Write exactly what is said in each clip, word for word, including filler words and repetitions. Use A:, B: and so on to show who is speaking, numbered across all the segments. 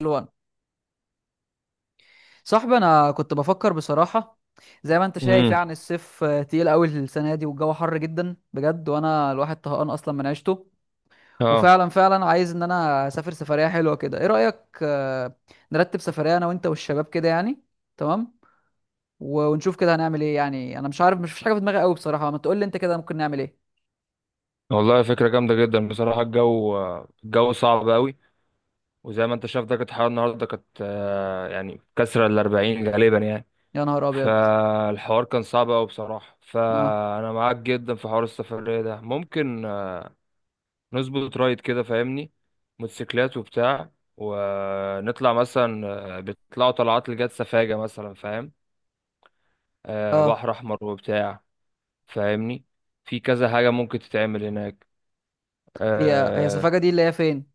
A: الوان، صاحبي، انا كنت بفكر بصراحه. زي ما انت شايف
B: امم
A: يعني الصيف آه، تقيل قوي السنه دي، والجو حر جدا بجد، وانا الواحد طهقان اصلا من عيشته.
B: اه،
A: وفعلا فعلا عايز ان انا اسافر سفريه حلوه كده. ايه رايك آه، نرتب سفريه انا وانت والشباب كده يعني؟ تمام. و- ونشوف كده هنعمل ايه يعني. انا مش عارف، مش فيش حاجه في دماغي قوي بصراحه. ما تقول لي انت كده ممكن نعمل ايه.
B: والله فكرة جامدة جدا بصراحة. الجو الجو صعب قوي، وزي ما انت شايف درجة الحرارة النهاردة كانت آه، يعني كسرة الأربعين غالبا يعني.
A: يا نهار ابيض.
B: فالحوار كان صعب قوي بصراحة،
A: اه.
B: فأنا معاك جدا في حوار السفرية ده. ممكن آه، نظبط رايد كده، فاهمني؟ موتوسيكلات وبتاع، ونطلع مثلا آه، بيطلعوا طلعات لجات سفاجة مثلا، فاهم؟ آه،
A: اه.
B: بحر أحمر وبتاع، فاهمني؟ في كذا حاجة ممكن تتعمل هناك.
A: هي هي
B: آه،
A: سفاجه دي اللي هي فين؟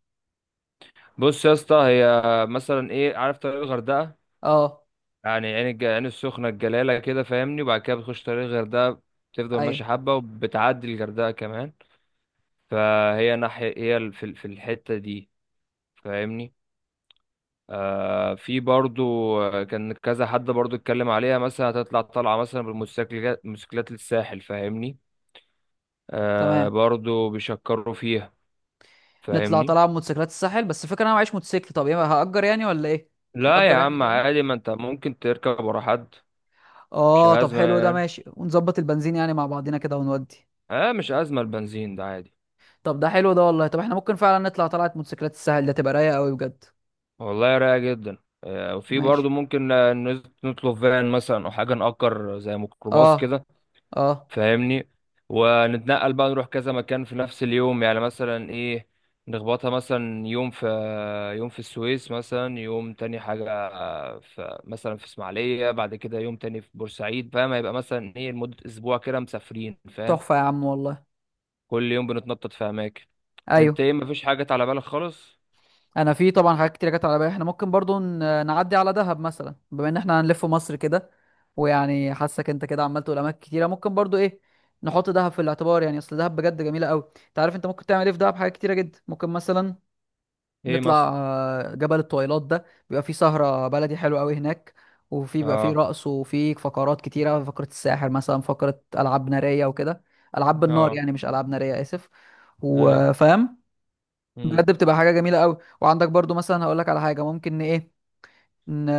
B: بص يا اسطى، هي مثلا ايه، عارف طريق الغردقه؟
A: اه.
B: يعني عين الج... عين السخنه، الجلاله كده فاهمني، وبعد كده بتخش طريق الغردقه، بتفضل
A: ايوه.
B: ماشي حبه وبتعدي الغردقه كمان. فهي ناحيه، هي في ال- في الحته دي، فاهمني. آه في برضو آه، كان كذا حد برضو اتكلم عليها، مثلا هتطلع طالعه مثلا بالموتوسيكلات، موتوسيكلات للساحل، فاهمني. آه
A: تمام.
B: برضو بيشكروا فيها،
A: نطلع
B: فاهمني.
A: طلعه بموتوسيكلات الساحل، بس الفكره انا معيش موتوسيكل. طب ايه، هأجر يعني ولا ايه؟
B: لا يا
A: نأجر احنا
B: عم
A: كده.
B: عادي، ما انت ممكن تركب ورا حد، مش
A: اه طب حلو، ده
B: أزمة.
A: ماشي. ونظبط البنزين يعني مع بعضينا كده ونودي.
B: اه، مش أزمة، البنزين ده عادي.
A: طب ده حلو ده، والله. طب احنا ممكن فعلا نطلع طلعه موتوسيكلات الساحل، ده تبقى رايقه قوي بجد.
B: والله رايقة جدا. آه، وفي
A: ماشي.
B: برضه ممكن آه، نز- نطلب فان مثلا، أو حاجة نأجر زي ميكروباص
A: اه.
B: كده،
A: اه.
B: فاهمني؟ ونتنقل بقى، نروح كذا مكان في نفس اليوم، يعني مثلا إيه نخبطها مثلا يوم في يوم في السويس، مثلا يوم تاني حاجة في، مثلا في إسماعيلية، بعد كده يوم تاني في بورسعيد، فاهم؟ هيبقى مثلا إيه لمدة أسبوع كده مسافرين، فاهم؟
A: تحفه يا عم، والله.
B: كل يوم بنتنطط في أماكن. أنت
A: ايوه.
B: إيه، مفيش حاجة على بالك خالص؟
A: انا في طبعا حاجات كتير جت على بالي. احنا ممكن برضو ن- نعدي على دهب مثلا، بما ان احنا هنلف مصر كده. ويعني حاسك انت كده عمال تقول اماكن كتيره، ممكن برضو ايه، نحط دهب في الاعتبار. يعني اصل دهب بجد جميله قوي. انت عارف انت ممكن تعمل ايه في دهب؟ حاجات كتيره جدا. ممكن مثلا
B: إيه
A: نطلع
B: مثلا؟
A: آه، جبل الطويلات، ده بيبقى فيه سهره بلدي حلوه قوي هناك. وفي بيبقى فيه
B: اه.
A: رقص، وفي فقرات كتيره، فقره الساحر مثلا، فقره العاب ناريه وكده. العاب بالنار
B: اه.
A: يعني، مش العاب ناريه، اسف.
B: اي.
A: وفاهم.
B: امم.
A: بجد بتبقى حاجه جميله قوي. وعندك برضو مثلا هقول لك على حاجه. ممكن ن- ايه ن...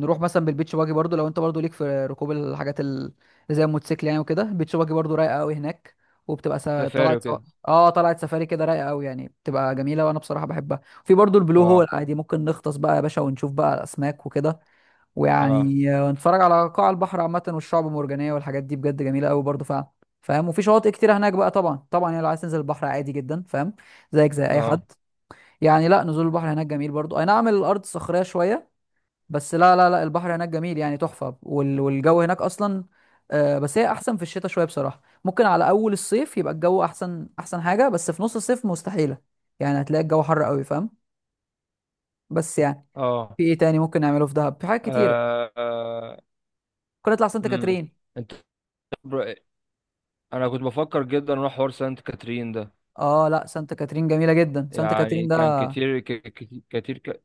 A: نروح مثلا بالبيتش باجي برضو، لو انت برضو ليك في ركوب الحاجات ال- اللي زي الموتوسيكل يعني وكده. البيتش باجي برضو رايقه قوي هناك. وبتبقى س...
B: سفاري
A: طلعت سو...
B: وكده.
A: اه، طلعت سفاري كده، رايقه قوي يعني، بتبقى جميله وانا بصراحه بحبها. في برضو البلو هول،
B: اه.
A: عادي ممكن نغطس بقى يا باشا ونشوف بقى الاسماك وكده.
B: اه.
A: ويعني آه، نتفرج على قاع البحر عامه، والشعب المرجانيه، والحاجات دي بجد جميله قوي برضو فعلا. فاهم. وفي شواطئ كتيره هناك بقى طبعا. طبعا يعني لو عايز تنزل البحر، عادي جدا فاهم، زيك زي اي حد.
B: اه.
A: يعني لا، نزول البحر هناك جميل برضو. اي نعم، الارض صخريه شويه، بس لا لا لا، البحر هناك جميل يعني تحفه. وال... والجو هناك اصلا آه، بس هي احسن في الشتاء شويه بصراحه. ممكن على اول الصيف يبقى الجو احسن، احسن حاجه. بس في نص الصيف مستحيله يعني. هتلاقي الجو حر قوي فاهم. بس يعني
B: اه.
A: في ايه تاني ممكن نعمله في دهب؟ في حاجات كتيره.
B: اه.
A: ممكن نطلع سانت
B: امم.
A: كاترين.
B: انت بر- انا كنت بفكر جدا اروح حوار سانت كاترين ده،
A: اه لا، سانت كاترين جميله جدا. سانت
B: يعني
A: كاترين ده
B: كان كتير ك- كتير كتير ك...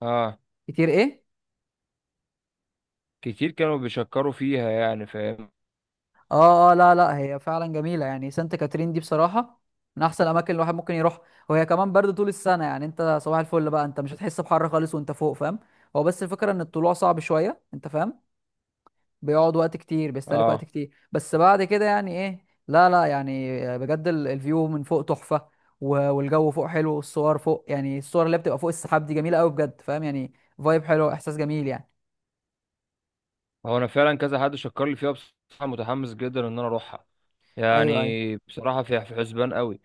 B: اه،
A: كتير ايه.
B: كتير كانوا بيشكروا فيها يعني، فاهم؟
A: اه اه لا لا، هي فعلا جميله يعني. سانت كاترين دي بصراحه من احسن الاماكن الواحد ممكن يروح. وهي كمان برد طول السنه. يعني انت صباح الفل بقى، انت مش هتحس بحر خالص وانت فوق فاهم. هو بس الفكره ان الطلوع صعب شويه انت فاهم. بيقعد وقت كتير، بيستهلك وقت
B: اه،
A: كتير. بس بعد كده يعني ايه، لا لا، يعني بجد ال- الفيو من فوق تحفه. و- والجو فوق حلو، والصور فوق يعني الصور اللي بتبقى فوق السحاب دي جميله قوي بجد فاهم يعني. فايب حلو، احساس جميل يعني.
B: هو انا فعلا كذا حد شكر لي فيها بصراحة، متحمس جدا ان انا اروحها،
A: ايوه ايوه.
B: يعني بصراحة في في حسبان قوي.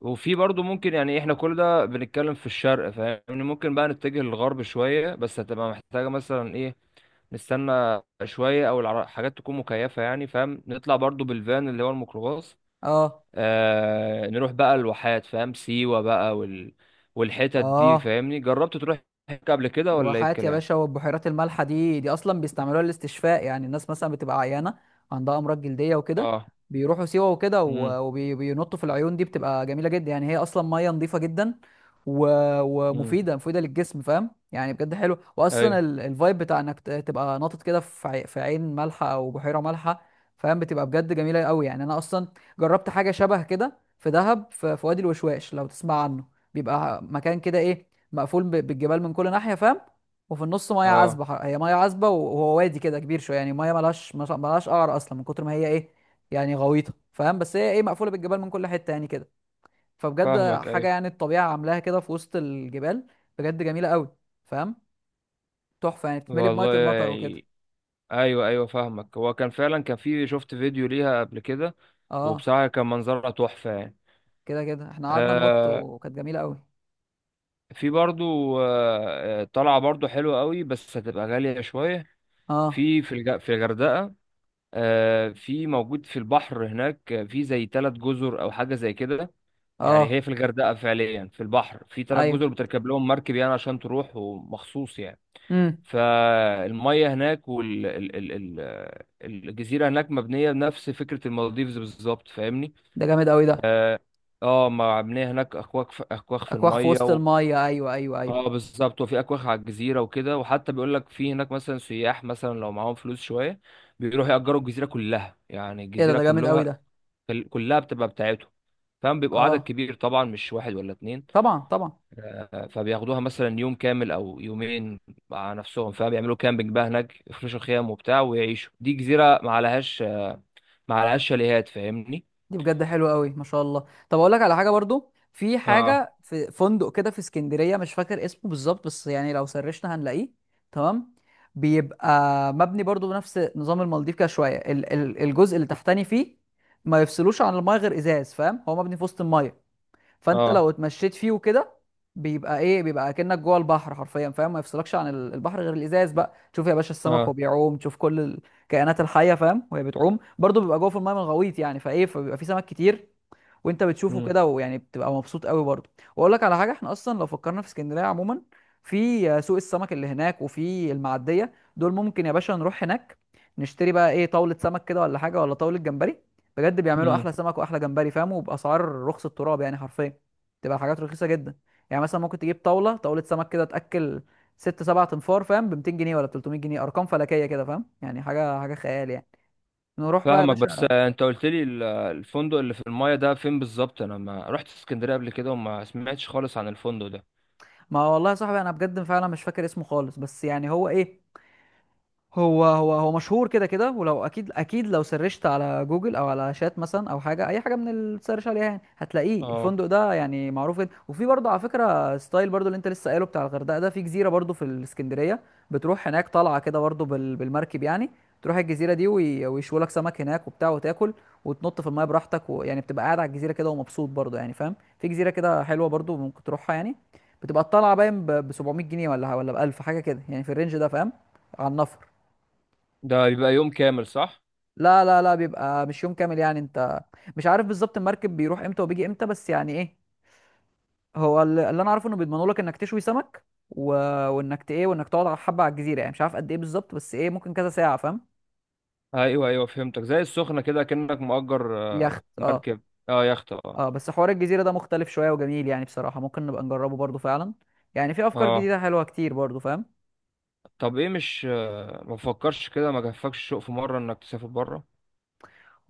B: وفي برضو ممكن، يعني احنا كل ده بنتكلم في الشرق فاهمني، ممكن بقى نتجه للغرب شوية، بس هتبقى محتاجة مثلا ايه، نستنى شوية، او العر- حاجات تكون مكيفة يعني، فاهم. نطلع برضو بالفان اللي هو الميكروباص،
A: اه
B: آه نروح بقى الواحات، فاهم، سيوة بقى وال... والحتت دي،
A: اه.
B: فاهمني؟ جربت تروح هناك قبل كده، ولا ايه
A: الواحات يا
B: الكلام؟
A: باشا، والبحيرات المالحة دي، دي أصلا بيستعملوها للاستشفاء. يعني الناس مثلا بتبقى عيانة، عندها أمراض جلدية وكده،
B: اه.
A: بيروحوا سيوة وكده،
B: امم.
A: وبينطوا في العيون دي. بتبقى جميلة جدا يعني. هي أصلا مية نظيفة جدا و...
B: امم.
A: ومفيدة مفيدة للجسم فاهم يعني. بجد حلو. وأصلا
B: اي.
A: ال... الفايب بتاع إنك ت- تبقى ناطط كده في عي... في عين مالحة أو بحيرة مالحة فاهم. بتبقى بجد جميلة قوي يعني. أنا أصلا جربت حاجة شبه كده في دهب في... في وادي الوشواش، لو تسمع عنه. بيبقى مكان كده ايه، مقفول ب- بالجبال من كل ناحيه فاهم. وفي النص ميه
B: اه.
A: عذبه، ح- هي ميه عذبه. و- وهو وادي كده كبير شويه يعني. ميه ملهاش مش- ملهاش قعر اصلا من كتر ما هي ايه يعني، غويطه فاهم. بس هي ايه، مقفوله بالجبال من كل حته يعني كده. فبجد
B: فاهمك.
A: حاجه
B: اي،
A: يعني. الطبيعه عاملاها كده في وسط الجبال. بجد جميله قوي فاهم. تحفه يعني. بتتملي بميه
B: والله
A: المطر وكده.
B: يعني. ايوه، ايوه، فاهمك. هو كان فعلا، كان في شفت فيديو ليها قبل كده،
A: اه
B: وبصراحه كان منظرها تحفه يعني.
A: كده كده احنا قعدنا ننط،
B: آه
A: وكانت جميله قوي.
B: في برضو آه آه، طلعه برضو حلوه قوي، بس هتبقى غاليه شويه
A: اه
B: في في الج... في الغردقه. آه في موجود في البحر هناك، آه، في زي ثلاث جزر او حاجه زي كده. يعني
A: اه
B: هي في الغردقه فعليا، في البحر في ثلاث
A: ايوه.
B: جزر، بتركب لهم مركب يعني عشان تروح، ومخصوص يعني.
A: امم.
B: فالميه هناك وال ال ال ال الجزيره هناك مبنيه بنفس فكره المالديفز بالظبط، فاهمني.
A: ده جامد قوي ده.
B: اه. آه، مبنيه هناك، اكواخ، في اكواخ في
A: اكواخ في
B: الميه
A: وسط
B: و...
A: الميه، ايوه ايوه ايوه.
B: اه، بالظبط. وفي اكواخ على الجزيره وكده، وحتى بيقول لك في هناك مثلا سياح، مثلا لو معاهم فلوس شويه بيروحوا يأجروا الجزيره كلها، يعني
A: ايه ده،
B: الجزيره
A: ده جامد قوي
B: كلها،
A: ده.
B: كلها بتبقى بتاعتهم، فاهم؟ بيبقوا عدد
A: اه.
B: كبير طبعا، مش واحد ولا اتنين.
A: طبعا طبعا.
B: آه، فبياخدوها مثلا يوم كامل او يومين مع نفسهم، فبيعملوا كامبينج بقى هناك، يفرشوا خيام وبتاع ويعيشوا. دي جزيره ما عليهاش ما عليهاش شاليهات، فاهمني.
A: دي بجد حلوه قوي ما شاء الله. طب اقول لك على حاجه برضو. في
B: اه.
A: حاجه في فندق كده في اسكندريه، مش فاكر اسمه بالظبط، بس يعني لو سرشنا هنلاقيه. تمام. بيبقى مبني برضو بنفس نظام المالديف كده شويه. ال- ال- الجزء اللي تحتني فيه ما يفصلوش عن المايه غير ازاز فاهم. هو مبني في وسط المايه. فانت
B: اه.
A: لو اتمشيت فيه وكده، بيبقى ايه، بيبقى اكنك جوه البحر حرفيا فاهم. ما يفصلكش عن ال- البحر غير الازاز. بقى تشوف يا باشا السمك وهو
B: اه.
A: بيعوم، تشوف كل الكائنات الحيه فاهم وهي بتعوم برضو. بيبقى جوه في المايه من غويط يعني، فايه، فبيبقى في سمك كتير وانت بتشوفه
B: امم.
A: كده، ويعني بتبقى مبسوط قوي برضه. واقول لك على حاجه. احنا اصلا لو فكرنا في اسكندريه عموما، في سوق السمك اللي هناك وفي المعديه دول، ممكن يا باشا نروح هناك نشتري بقى ايه، طاوله سمك كده ولا حاجه، ولا طاوله جمبري. بجد بيعملوا
B: امم.
A: احلى سمك واحلى جمبري فاهم، وباسعار رخص التراب يعني حرفيا. تبقى حاجات رخيصه جدا. يعني مثلا ممكن تجيب طاوله طاوله سمك كده، تاكل ست سبع تنفار فاهم ب مئتين جنيه ولا ثلاثمية جنيه. ارقام فلكيه كده فاهم يعني. حاجه حاجه خيال يعني. نروح بقى يا
B: فاهمك. بس
A: باشا.
B: آه، انت قلت لي ال- الفندق اللي في المايه ده فين بالظبط؟ انا ما رحت اسكندريه قبل كده، وما سمعتش خالص عن الفندق ده.
A: ما والله يا صاحبي، انا بجد فعلا مش فاكر اسمه خالص، بس يعني هو ايه، هو هو هو مشهور كده كده. ولو اكيد اكيد، لو سرشت على جوجل او على شات مثلا، او حاجه اي حاجه من اللي تسرش عليها، يعني هتلاقيه.
B: اه.
A: الفندق ده يعني معروف جدا. وفي برضه على فكره، ستايل برضه اللي انت لسه قايله بتاع الغردقه ده، في جزيره برضه في الاسكندريه. بتروح هناك طالعه كده برضه بال- بالمركب يعني. تروح الجزيره دي وي- ويشوا لك سمك هناك وبتاع، وتاكل، وتنط في الميه براحتك. ويعني بتبقى قاعد على الجزيره كده ومبسوط برضه يعني فاهم. في جزيره كده حلوه برضه ممكن تروحها يعني. بتبقى الطالعه باين ب سبعمية جنيه ولا ولا ب ألف حاجه كده يعني، في الرينج ده فاهم. على النفر.
B: ده يبقى يوم كامل، صح؟
A: لا لا لا، بيبقى مش يوم كامل يعني. انت مش عارف بالظبط المركب بيروح امتى وبيجي امتى، بس يعني ايه، هو ال- اللي انا عارفه انه بيضمنوا لك انك تشوي سمك و... وانك ت- ايه وانك تقعد على حبه على الجزيره. يعني مش عارف قد ايه بالظبط بس ايه، ممكن كذا ساعه فاهم.
B: ايوه، ايوه، فهمتك، زي السخنه كده، كأنك مؤجر آه،
A: يخت اه.
B: مركب. اه، يخت. اه.
A: اه بس حوار الجزيره ده مختلف شويه وجميل يعني. بصراحه ممكن نبقى نجربه برضو فعلا. يعني في افكار
B: اه،
A: جديده حلوه كتير برضو فاهم.
B: طب ايه، مش آه، ما فكرش كده، ما جفكش الشوق في مرة انك تسافر بره،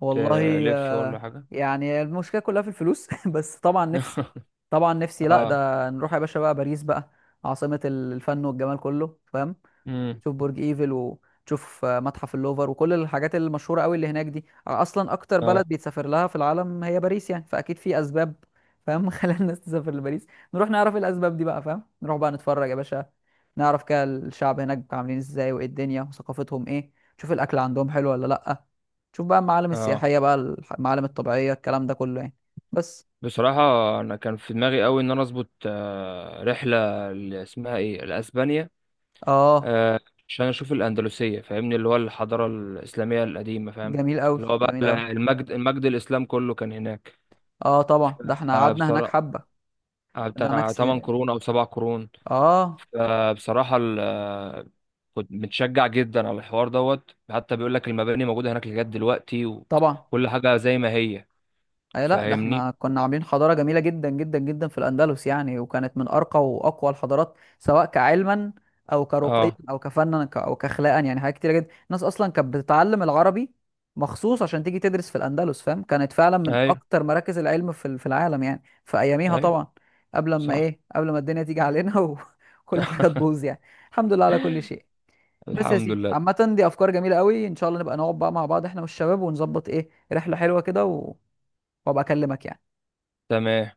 A: والله
B: تلف ولا
A: آه.
B: حاجة؟
A: يعني المشكله كلها في الفلوس بس طبعا نفسي. طبعا نفسي لا،
B: اه.
A: ده نروح يا باشا بقى باريس بقى، عاصمه الفن والجمال كله فاهم.
B: امم.
A: تشوف برج ايفل، وتشوف آه، متحف اللوفر، وكل الحاجات المشهوره قوي اللي هناك. دي اصلا اكتر بلد
B: اه.
A: بيتسافر لها في العالم هي باريس يعني، فاكيد في اسباب فاهم خلال الناس تسافر لباريس. نروح نعرف إيه الاسباب دي بقى فاهم. نروح بقى نتفرج يا باشا، نعرف كده الشعب هناك عاملين ازاي، وايه الدنيا، وثقافتهم ايه. تشوف الاكل عندهم حلو ولا لا. تشوف بقى المعالم
B: اه،
A: السياحيه بقى، الح- المعالم الطبيعيه، الكلام ده كله يعني. بس
B: بصراحة انا كان في دماغي قوي ان انا اظبط آه، رحلة، اللي اسمها ايه، لاسبانيا،
A: اه.
B: آه، عشان اشوف الاندلسية، فاهمني، اللي هو الحضارة الاسلامية القديمة، فاهم؟
A: جميل قوي
B: اللي هو بقى،
A: جميل قوي.
B: المجد، المجد الاسلام كله كان هناك.
A: اه طبعا، ده احنا
B: آه،
A: قعدنا هناك
B: بصراحة
A: حبه.
B: آه،
A: ده هناك
B: بتاع 8
A: سي...
B: قرون او 7 قرون،
A: اه
B: فبصراحة كنت متشجع جدا على الحوار دوت، حتى بيقول لك المباني موجودة هناك لغاية دلوقتي،
A: طبعا.
B: وكل حاجة زي ما هي،
A: اي لا، ده
B: فاهمني.
A: احنا كنا عاملين حضاره جميله جدا جدا جدا في الاندلس يعني. وكانت من ارقى واقوى الحضارات، سواء كعلما او كرقيا
B: اه.
A: او كفنا ك- او كاخلاقا. يعني حاجات كتيره جدا. الناس اصلا كانت بتتعلم العربي مخصوص عشان تيجي تدرس في الاندلس فاهم. كانت فعلا من
B: ايوه،
A: اكتر مراكز العلم في ال- في العالم يعني في اياميها
B: ايوه،
A: طبعا. قبل ما
B: صح.
A: ايه، قبل ما الدنيا تيجي علينا وكل حاجه تبوظ يعني. الحمد لله على كل شيء. بس يا
B: الحمد
A: سيدي،
B: لله.
A: عامه دي افكار جميله قوي. ان شاء الله نبقى نقعد بقى مع بعض احنا والشباب ونظبط ايه رحله حلوه كده و... وابقى اكلمك يعني.
B: تمام.